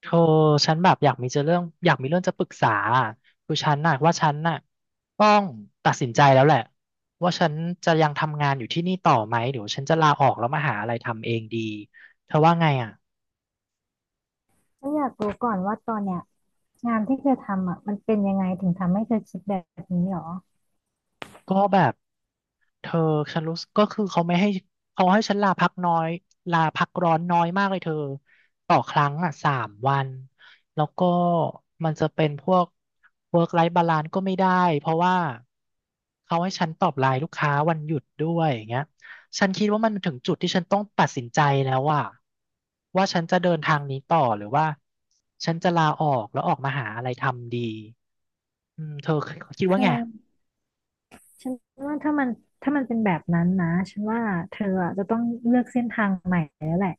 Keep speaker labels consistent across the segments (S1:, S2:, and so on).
S1: โธอฉันแบบอยากมีเรื่องจะปรึกษาอะคือฉันน่ะต้องตัดสินใจแล้วแหละว่าฉันจะยังทำงานอยู่ที่นี่ต่อไหมหรือว่าฉันจะลาออกแล้วมาหาอะไรทำเองดีเธอว่าไงอ่ะ
S2: ก็อยากรู้ก่อนว่าตอนเนี้ยงานที่เธอทำอ่ะมันเป็นยังไงถึงทำให้เธอคิดแบบนี้หรอ
S1: ก็แบบ เธอฉันรู้สึกก็คือเขาให้ฉันลาพักร้อนน้อยมากเลยเธอต่อครั้งอ่ะ3 วันแล้วก็มันจะเป็นพวก work life balance ก็ไม่ได้เพราะว่าเขาให้ฉันตอบไลน์ลูกค้าวันหยุดด้วยอย่างเงี้ยฉันคิดว่ามันถึงจุดที่ฉันต้องตัดสินใจแล้วว่าฉันจะเดินทางนี้ต่อหรือว่าฉันจะลาออกแล้วออกมาหาอะไรทำดีอืมเธอคิด
S2: เธ
S1: ว่า
S2: อ
S1: ไง
S2: ฉันว่าถ้ามันเป็นแบบนั้นนะฉันว่าเธออะจะต้องเลือกเส้นทางใหม่แล้วแหละ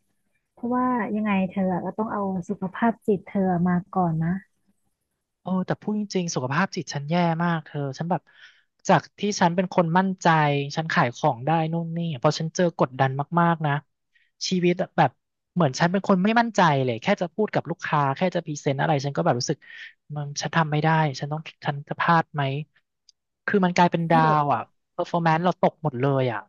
S2: เพราะว่ายังไงเธออะก็ต้องเอาสุขภาพจิตเธอมาก่อนนะ
S1: โอ้แต่พูดจริงๆสุขภาพจิตฉันแย่มากเธอฉันแบบจากที่ฉันเป็นคนมั่นใจฉันขายของได้นู่นนี่พอฉันเจอกดดันมากๆนะชีวิตแบบเหมือนฉันเป็นคนไม่มั่นใจเลยแค่จะพูดกับลูกค้าแค่จะพรีเซนต์อะไรฉันก็แบบรู้สึกมันฉันทำไม่ได้ฉันต้องฉันจะพลาดไหมคือมันกลายเป็น
S2: คื
S1: ดา
S2: อแบบ
S1: วอ่ะ performance เราตกหมดเลยอ่ะ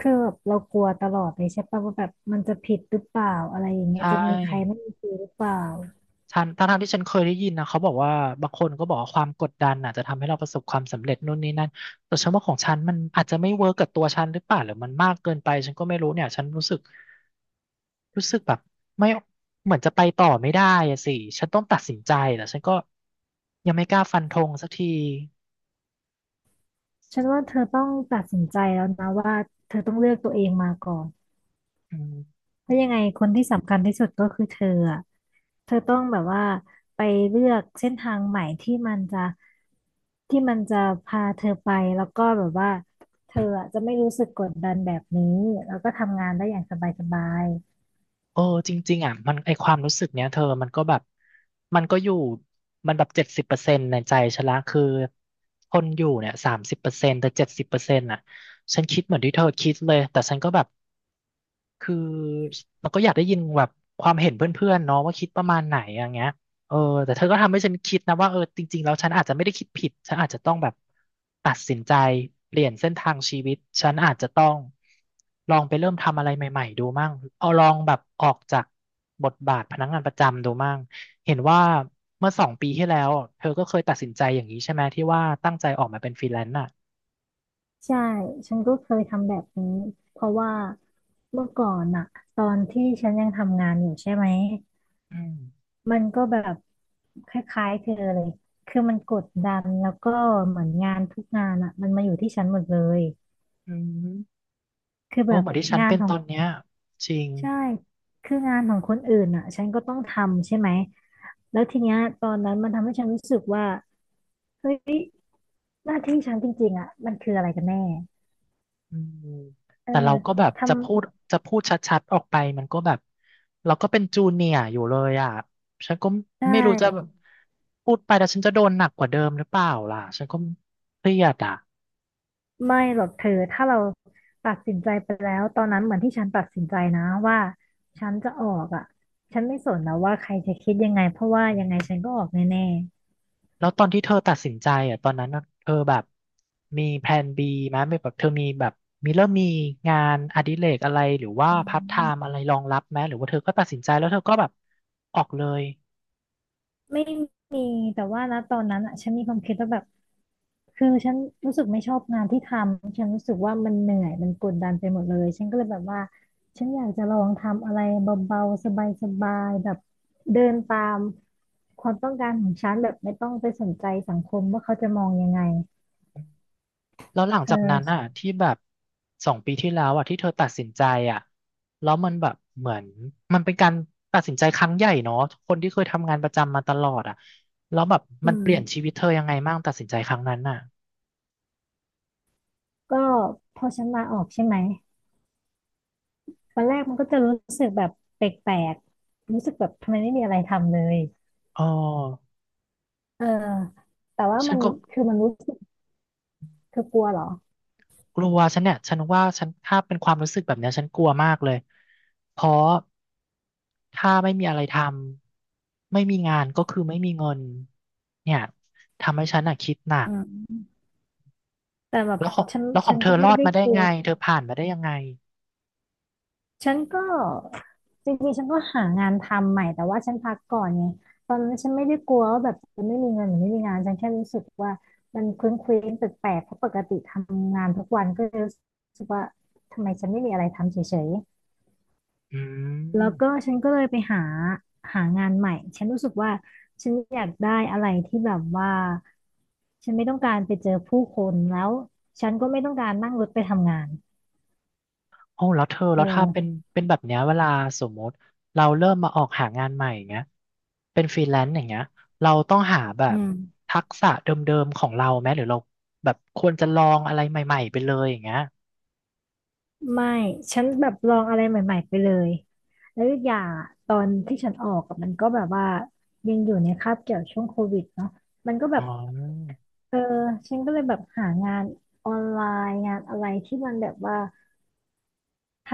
S2: คือแบบเรากลัวตลอดเลยใช่ปะว่าแบบมันจะผิดหรือเปล่าอะไรอย่างเงี้ย
S1: ใช่
S2: จะมีใครไม่มีครูหรือเปล่า
S1: ฉันทั้งๆที่ฉันเคยได้ยินนะเขาบอกว่าบางคนก็บอกว่าความกดดันอาจจะทำให้เราประสบความสำเร็จนู่นนี่นั่นแต่ฉันว่าของฉันมันอาจจะไม่เวิร์กกับตัวฉันหรือเปล่าหรือมันมากเกินไปฉันก็ไม่รู้เนี่ยฉันรู้สึกแบบไม่เหมือนจะไปต่อไม่ได้อะสิฉันต้องตัดสินใจแต่ฉันก็ยังไม่กล้าฟันธงสักที
S2: ฉันว่าเธอต้องตัดสินใจแล้วนะว่าเธอต้องเลือกตัวเองมาก่อน
S1: อืม
S2: เพราะยังไงคนที่สำคัญที่สุดก็คือเธออะเธอต้องแบบว่าไปเลือกเส้นทางใหม่ที่มันจะที่มันจะพาเธอไปแล้วก็แบบว่าเธออะจะไม่รู้สึกกดดันแบบนี้แล้วก็ทำงานได้อย่างสบาย
S1: เออจริงๆอ่ะมันไอความรู้สึกเนี้ยเธอมันก็แบบมันก็อยู่มันแบบเจ็ดสิบเปอร์เซ็นต์ในใจฉันละคือคนอยู่เนี่ย30%แต่เจ็ดสิบเปอร์เซ็นต์อ่ะฉันคิดเหมือนที่เธอคิดเลยแต่ฉันก็แบบ คือเราก็อยากได้ยินแบบความเห็นเพื่อนๆเนาะว่าคิดประมาณไหนอย่างเงี้ยเออแต่เธอก็ทำให้ฉันคิดนะว่าเออจริงๆแล้วฉันอาจจะไม่ได้คิดผิดฉันอาจจะต้องแบบตัดสินใจเปลี่ยนเส้นทางชีวิตฉันอาจจะต้องลองไปเริ่มทำอะไรใหม่ๆดูมั่งเอาลองแบบออกจากบทบาทพนักงานประจำดูมั่งเห็นว่าเมื่อสองปีที่แล้วเธอก็เคยตัดสินใจอย่างนี้ใช่ไหมที่ว่าตั้งใจออกมาเป็นฟรีแลนซ์อ่ะ
S2: ๆใช่ฉันก็เคยทำแบบนี้เพราะว่าเมื่อก่อนอะตอนที่ฉันยังทำงานอยู่ใช่ไหม
S1: อืม
S2: มันก็แบบคล้ายๆเธอเลยคือมันกดดันแล้วก็เหมือนงานทุกงานอะมันมาอยู่ที่ฉันหมดเลย
S1: อืม
S2: คือ
S1: เอ
S2: แบ
S1: อเห
S2: บ
S1: มือนที่ฉัน
S2: งาน
S1: เป็น
S2: ขอ
S1: ต
S2: ง
S1: อนเนี้ยจริง
S2: ใช่คืองานของคนอื่นอ่ะฉันก็ต้องทำใช่ไหมแล้วทีเนี้ยตอนนั้นมันทำให้ฉันรู้สึกว่าเฮ้ยหน้าที่ฉันจริงๆอ่ะมันคืออะไรกันแน่
S1: อืม
S2: เออ
S1: แต่เราก็แบบ
S2: ทำ
S1: จะพูดชัดๆออกไปมันก็แบบเราก็เป็นจูเนียร์อยู่เลยอ่ะฉันก็
S2: ได
S1: ไม่รู้จะแบบ
S2: ้
S1: พูดไปแล้วฉันจะโดนหนักกว่าเดิมหรือเปล่าล่ะฉันก็เครียดอ่ะ
S2: ไม่หรอกเธอถ้าเราตัดสินใจไปแล้วตอนนั้นเหมือนที่ฉันตัดสินใจนะว่าฉันจะออกอ่ะฉันไม่สนแล้วว่าใครจะคิดยังไงเพราะว่ายังไงฉันก็ออกแน่
S1: แล้วตอนที่เธอตัดสินใจอ่ะตอนนั้นน่ะเธอแบบมีแพลน B ไหมไม่แบบเธอมีแบบมีเริ่มมีงานอดิเรกอะไรหรือว่าพาร์ทไทม์อะไรรองรับไหมหรือว่าเธอก็ตัดสินใจแล้วเธอก็แบบออกเลย
S2: ไม่มีแต่ว่านะตอนนั้นอ่ะฉันมีความคิดว่าแบบคือฉันรู้สึกไม่ชอบงานที่ทำฉันรู้สึกว่ามันเหนื่อยมันกดดันไปหมดเลยฉันก็เลยแบบว่าฉันอยากจะลองทำอะไรเบาๆสบายๆแบบเดินตามความต้องการของฉันแบบไม่ต้องไปสนใจสังคมว่าเขาจะมองยังไง
S1: แล้วหลัง
S2: เอ
S1: จากนั้นอ่ะ
S2: อ
S1: ที่แบบสองปีที่แล้วอ่ะที่เธอตัดสินใจอ่ะแล้วมันแบบเหมือนมันเป็นการตัดสินใจครั้งใหญ่เนาะคนที่เคยทำงานประจำมาตลอดอ่ะแล้วแบบ
S2: อื
S1: มันเปลี่ยน
S2: ม
S1: ชีวิตเธอยังไงบ้างตัดสินใจครั้งนั้นอ่ะ
S2: ก็พอฉันลาออกใช่ไหมวันแรกมันก็จะรู้สึกแบบแปลกๆรู้สึกแบบทำไมไม่มีอะไรทำเลย
S1: อ๋อ
S2: เออแต่ว่า
S1: ฉั
S2: มั
S1: น
S2: น
S1: ก็
S2: คือมันรู้สึก เธอกลัวเหรอ
S1: กลัวฉันเนี่ยฉันว่าฉันถ้าเป็นความรู้สึกแบบเนี้ยฉันกลัวมากเลยเพราะถ้าไม่มีอะไรทำไม่มีงานก็คือไม่มีเงินเนี่ยทำให้ฉันอ่ะคิดหนัก
S2: อืมแต่แบบ
S1: แล้วของ
S2: ฉัน
S1: แล้วของเธอ
S2: ก็
S1: ร
S2: ไม่
S1: อด
S2: ได้
S1: มาได้
S2: กลั
S1: ไง
S2: ว
S1: เธอผ่านมาได้ยังไง
S2: ฉันก็จริงๆฉันก็หางานทำใหม่แต่ว่าฉันพักก่อนไงตอนนั้นฉันไม่ได้กลัวว่าแบบจะไม่มีเงินหรือไม่มีงานฉันแค่รู้สึกว่ามันเคว้งเคว้งแปลกๆเพราะปกติทำงานทุกวันก็เลยรู้สึกว่าทำไมฉันไม่มีอะไรทำเฉย
S1: อื
S2: แล้วก็
S1: ม
S2: ฉันก็เลยไปหาหางานใหม่ฉันรู้สึกว่าฉันอยากได้อะไรที่แบบว่าฉันไม่ต้องการไปเจอผู้คนแล้วฉันก็ไม่ต้องการนั่งรถไปทำงาน
S1: โอ้แล้วเธอ
S2: เอ
S1: แล้วถ้าเป็น
S2: อ
S1: เป็นแบบเนี้ยเวลาสมมติเราเริ่มมาออกหางานใหม่อย่างเงี้ยเป็นฟรีแลนซ์อย่างเงี้ยเราต้องหาแบ
S2: อื
S1: บ
S2: ม
S1: ทักษะเดิมๆของเราไหมหรือเราแบบควรจะลองอะไรใหม่ๆไปเลยอย่างเงี้ย
S2: ไม่ฉันแบบลองอะไรใหม่ๆไปเลยแล้วอีกอย่างอะตอนที่ฉันออกอะมันก็แบบว่ายังอยู่ในคาบเกี่ยวช่วงโควิดเนาะมันก็แบ
S1: อ๋
S2: บ
S1: อ
S2: เออฉันก็เลยแบบหางานออนไลน์งานอะไรที่มันแบบว่า ท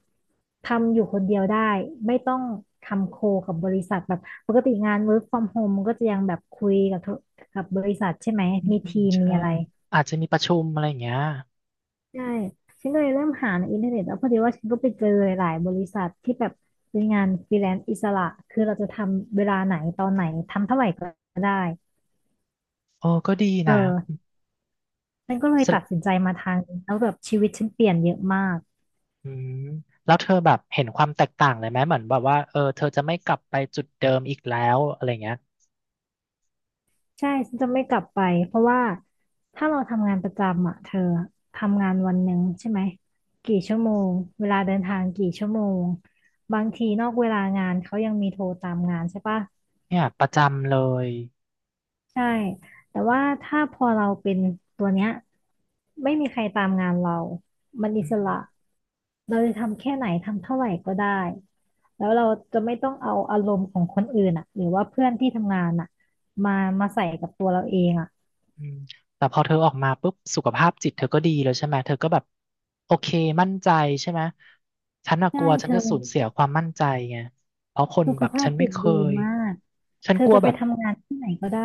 S2: ำอยู่คนเดียวได้ไม่ต้องทำโคกับบริษัทแบบปกติงาน work from home มันก็จะยังแบบคุยกับธุกับบริษัทใช่ไหม
S1: อืม
S2: มีทีมมี
S1: ใช่
S2: อะไร
S1: อาจจะมีประชุมอะไรอย่างเงี้ย
S2: ใช่ฉันก็เลยเริ่มหาในอินเทอร์เน็ตแล้วพอดีว่าฉันก็ไปเจอหลายๆบริษัทที่แบบเป็นงานฟรีแลนซ์อิสระคือเราจะทำเวลาไหนตอนไหนทำเท่าไหร่ก็ได้
S1: โอ้ก็ดี
S2: เอ
S1: นะ
S2: อฉันก็เลย
S1: แส
S2: ตัด
S1: ด
S2: สินใจมาทางนี้แล้วแบบชีวิตฉันเปลี่ยนเยอะมาก
S1: อืมแล้วเธอแบบเห็นความแตกต่างเลยไหมเหมือนแบบว่าเออเธอจะไม่กลับไปจุดเดิมอีกแล้วอะไรเงี้ย
S2: ใช่ฉันจะไม่กลับไปเพราะว่าถ้าเราทำงานประจำอ่ะเธอทำงานวันหนึ่งใช่ไหมกี่ชั่วโมงเวลาเดินทางกี่ชั่วโมงบางทีนอกเวลางานเขายังมีโทรตามงานใช่ปะ
S1: เนี่ยประจำเลย
S2: ใช่แต่ว่าถ้าพอเราเป็นตัวเนี้ยไม่มีใครตามงานเรามันอิ
S1: อืม
S2: สระเราจะทำแค่ไหนทำเท่าไหร่ก็ได้แล้วเราจะไม่ต้องเอาอารมณ์ของคนอื่นอ่ะหรือว่าเพื่อนที่ทำงานอ่ะมามาใส่กับตัวเราเองอ่ะ
S1: อืมแต่พอเธอออกมาปุ๊บสุขภาพจิตเธอก็ดีแล้วใช่ไหมเธอก็แบบโอเคมั่นใจใช่ไหมฉันน่ะก
S2: ใช่
S1: ลัวฉั
S2: เธ
S1: น
S2: อ
S1: จะสูญเสียความมั่นใจไงเพราะคน
S2: สุข
S1: แบบ
S2: ภา
S1: ฉั
S2: พ
S1: นไม่
S2: จิต
S1: เค
S2: ดี
S1: ย
S2: มาก
S1: ฉัน
S2: เธอ
S1: กลัว
S2: จะ
S1: แบ
S2: ไป
S1: บ
S2: ทำงานที่ไหนก็ได้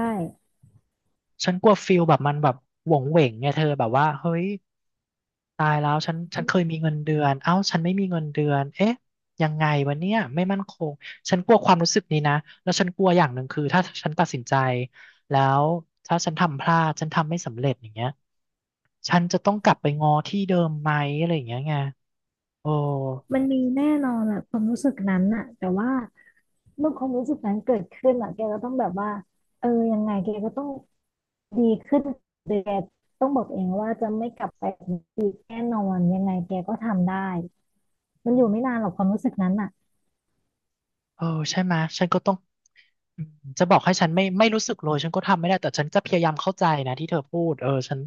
S1: ฉันกลัวฟิลแบบมันแบบหวงเหวงไงเธอแบบว่าเฮ้ย ตายแล้วฉันเคยมีเงินเดือนเอ้าฉันไม่มีเงินเดือนเอ๊ะยังไงวะเนี่ยไม่มั่นคงฉันกลัวความรู้สึกนี้นะแล้วฉันกลัวอย่างหนึ่งคือถ้าฉันตัดสินใจแล้วถ้าฉันทำพลาดฉันทำไม่สำเร็จอย่างเงี้ยฉันจะต้องกลับไปงอที่เดิมไหมอะไรอย่างเงี้ยไงโอ้
S2: มันมีแน่นอนแหละความรู้สึกนั้นน่ะแต่ว่าเมื่อความรู้สึกนั้นเกิดขึ้นอ่ะแกก็ต้องแบบว่าเออยังไงแกก็ต้องดีขึ้นแกต้องบอกเองว่าจะไม่กลับไปเหมือนอีกแน่นอนยังไงแกก็ทำได้มันอยู่ไม่นานหรอกความรู้สึกนั้นน่ะ
S1: เออใช่ไหมยฉันก็ต้องอืมจะบอกให้ฉันไม่รู้สึกเลยฉันก็ทำไม่ได้แต่ฉันจะพยายามเข้าใจนะที่เธอพูดเออฉัน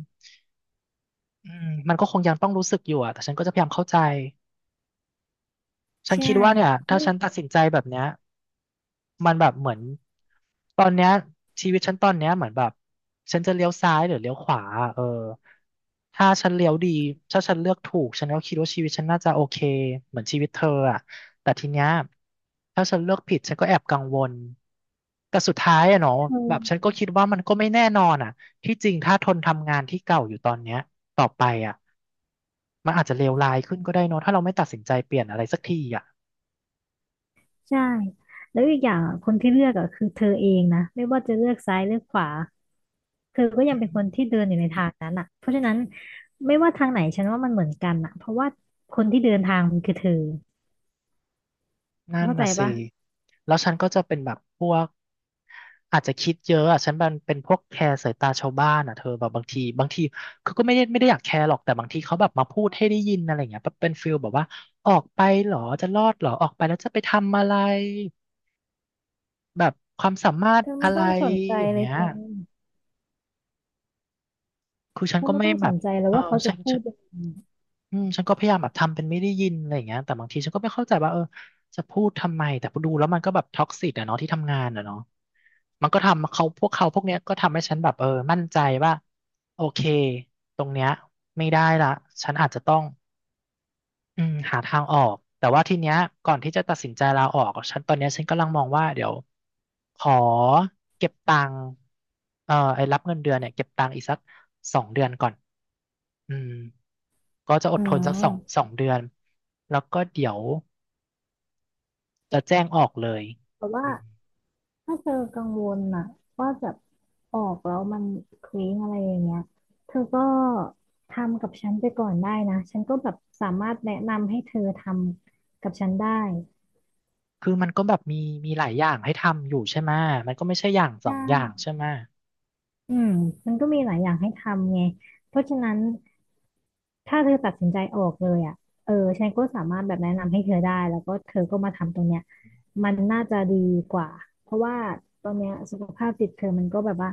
S1: อืมมันก็คงยังต้องรู้สึกอยู่อะแต่ฉันก็จะพยายามเข้าใจ ฉัน
S2: ใช่
S1: คิดว่าเนี่ยถ้า
S2: ไม่
S1: ฉันตัดสินใจแบบเนี้ยมันแบบเหมือนตอนเนี้ยชีวิตฉันตอนเนี้ยเหมือนแบบฉันจะเลี้ยวซ้ายหรือเลี้ยวขวาเออถ้าฉันเลี้ยวดีถ้าฉันเลือกถูกฉันก็คิดว่าชีวิตฉันน่าจะโอเคเหมือนชีวิตเธออะแต่ทีเนี้ยถ้าฉันเลือกผิดฉันก็แอบกังวลแต่สุดท้ายอะเนาะ
S2: เธอ
S1: แบบฉันก็คิดว่ามันก็ไม่แน่นอนอะที่จริงถ้าทนทำงานที่เก่าอยู่ตอนเนี้ยต่อไปอะมันอาจจะเลวร้ายขึ้นอีกอะ
S2: ใช่แล้วอีกอย่างอะคนที่เลือกอ่ะคือเธอเองนะไม่ว่าจะเลือกซ้ายเลือกขวาเธอก็ยังเป็นคนที่เดินอยู่ในทางนั้นอ่ะเพราะฉะนั้นไม่ว่าทางไหนฉันว่ามันเหมือนกันอ่ะเพราะว่าคนที่เดินทางมันคือเธอ
S1: นั่น
S2: เข้าใจ
S1: น่ะสิ
S2: ปะ
S1: แล้วฉันก็จะเป็นแบบพวกอาจจะคิดเยอะอ่ะฉันเป็นพวกแคร์สายตาชาวบ้านอ่ะเธอแบบบางทีบางทีเขาก็ไม่ได้อยากแคร์หรอกแต่บางทีเขาแบบมาพูดให้ได้ยินอะไรอย่างเงี้ยเป็นฟิลแบบว่าออกไปเหรอจะรอดเหรอออกไปแล้วจะไปทำอะไรแบบความสามารถ
S2: เธอ
S1: อะ
S2: ไม่
S1: ไร
S2: ต้องสนใจ
S1: อย่าง
S2: เลย
S1: เงี้ย
S2: เธอ
S1: คือฉั
S2: เธ
S1: น
S2: อ
S1: ก็
S2: ไม่
S1: ไม่
S2: ต้อง
S1: แบ
S2: ส
S1: บ
S2: นใจเลย
S1: เออ
S2: ว่าเขาจะ
S1: ฉัน
S2: พูดยังไง
S1: อืมฉันก็พยายามแบบทำเป็นไม่ได้ยินอะไรอย่างเงี้ยแต่บางทีฉันก็ไม่เข้าใจว่าเออจะพูดทำไมแต่พอดูแล้วมันก็แบบท็อกซิกอะเนาะที่ทำงานอะเนาะมันก็ทำเขาพวกเนี้ยก็ทำให้ฉันแบบเออมั่นใจว่าโอเคตรงเนี้ยไม่ได้ละฉันอาจจะต้องอืมหาทางออกแต่ว่าทีเนี้ยก่อนที่จะตัดสินใจลาออกฉันตอนเนี้ยฉันกำลังมองว่าเดี๋ยวขอเก็บตังค์ไอ้รับเงินเดือนเนี่ยเก็บตังค์อีกสักสองเดือนก่อนอืม ก็จะอด
S2: อื
S1: ทนสักสอง
S2: ม
S1: สองเดือนแล้วก็เดี๋ยวจะแจ้งออกเลย
S2: แต่ว่า
S1: อืม
S2: ถ้าเธอกังวลน่ะว่าแบบออกแล้วมันเคว้งอะไรอย่างเงี้ย เธอก็ทำกับฉันไปก่อนได้นะ ฉันก็แบบสามารถแนะนำให้เธอทำกับฉันได้
S1: คือมันก็แบบมีมีหลายอย่างให้ทำอยู่ใช่ไหมมันก็ไม่ใช่อย่างส
S2: ได
S1: องอย่าง
S2: ้
S1: ใช่ไหม
S2: อืมมันก็มีหลายอย่างให้ทำไง เพราะฉะนั้น ถ้าเธอตัดสินใจออกเลยอ่ะเออฉันก็สามารถแบบแนะนำให้เธอได้แล้วก็เธอก็มาทำตรงเนี้ยมันน่าจะดีกว่าเพราะว่าตอนเนี้ยสุขภาพจิตเธอมันก็แบบว่า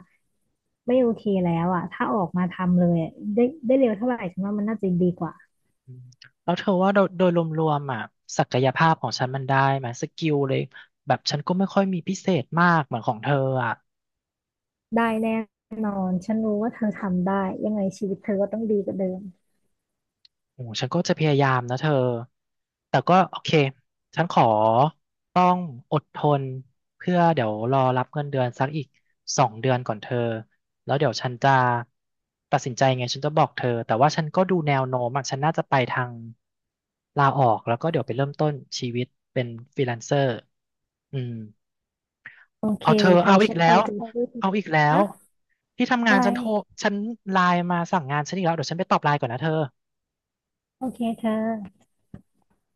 S2: ไม่โอเคแล้วอ่ะถ้าออกมาทำเลยอะได้ได้เร็วเท่าไหร่ฉันว่ามันน่าจะดีกว่า
S1: อืมแล้วเธอว่าโดยรวมๆอ่ะศักยภาพของฉันมันได้ไหมสกิลเลยแบบฉันก็ไม่ค่อยมีพิเศษมากเหมือนของเธออ่ะ
S2: ได้แน่นอนฉันรู้ว่าเธอทำได้ยังไงชีวิตเธอก็ต้องดีกว่าเดิม
S1: โอ้ฉันก็จะพยายามนะเธอ แต่ก็โอเคฉันขอต้องอดทนเพื่อเดี๋ยวรอรับเงินเดือนสักอีกสองเดือนก่อนเธอ แล้วเดี๋ยวฉันจะตัดสินใจไงฉันจะบอกเธอแต่ว่าฉันก็ดูแนวโน้มอะฉันน่าจะไปทางลาออกแล้วก็เดี๋ยวไปเริ่มต้นชีวิตเป็นฟรีแลนเซอร์อืม
S2: โอเค
S1: เอาเธอ
S2: เลยเธอ
S1: เอาอี
S2: ฉั
S1: ก
S2: น
S1: แล้
S2: เอา
S1: ว
S2: ใจช่วยเธอ
S1: เอาอีกแล้ว
S2: อะ
S1: ที่ทำงา
S2: อะ
S1: น
S2: ไร
S1: ฉันโทร ฉันไลน์มาสั่งงานฉันอีกแล้วเดี๋ยวฉันไปตอบไลน์ก่อนนะเธอ
S2: โอเคเธอ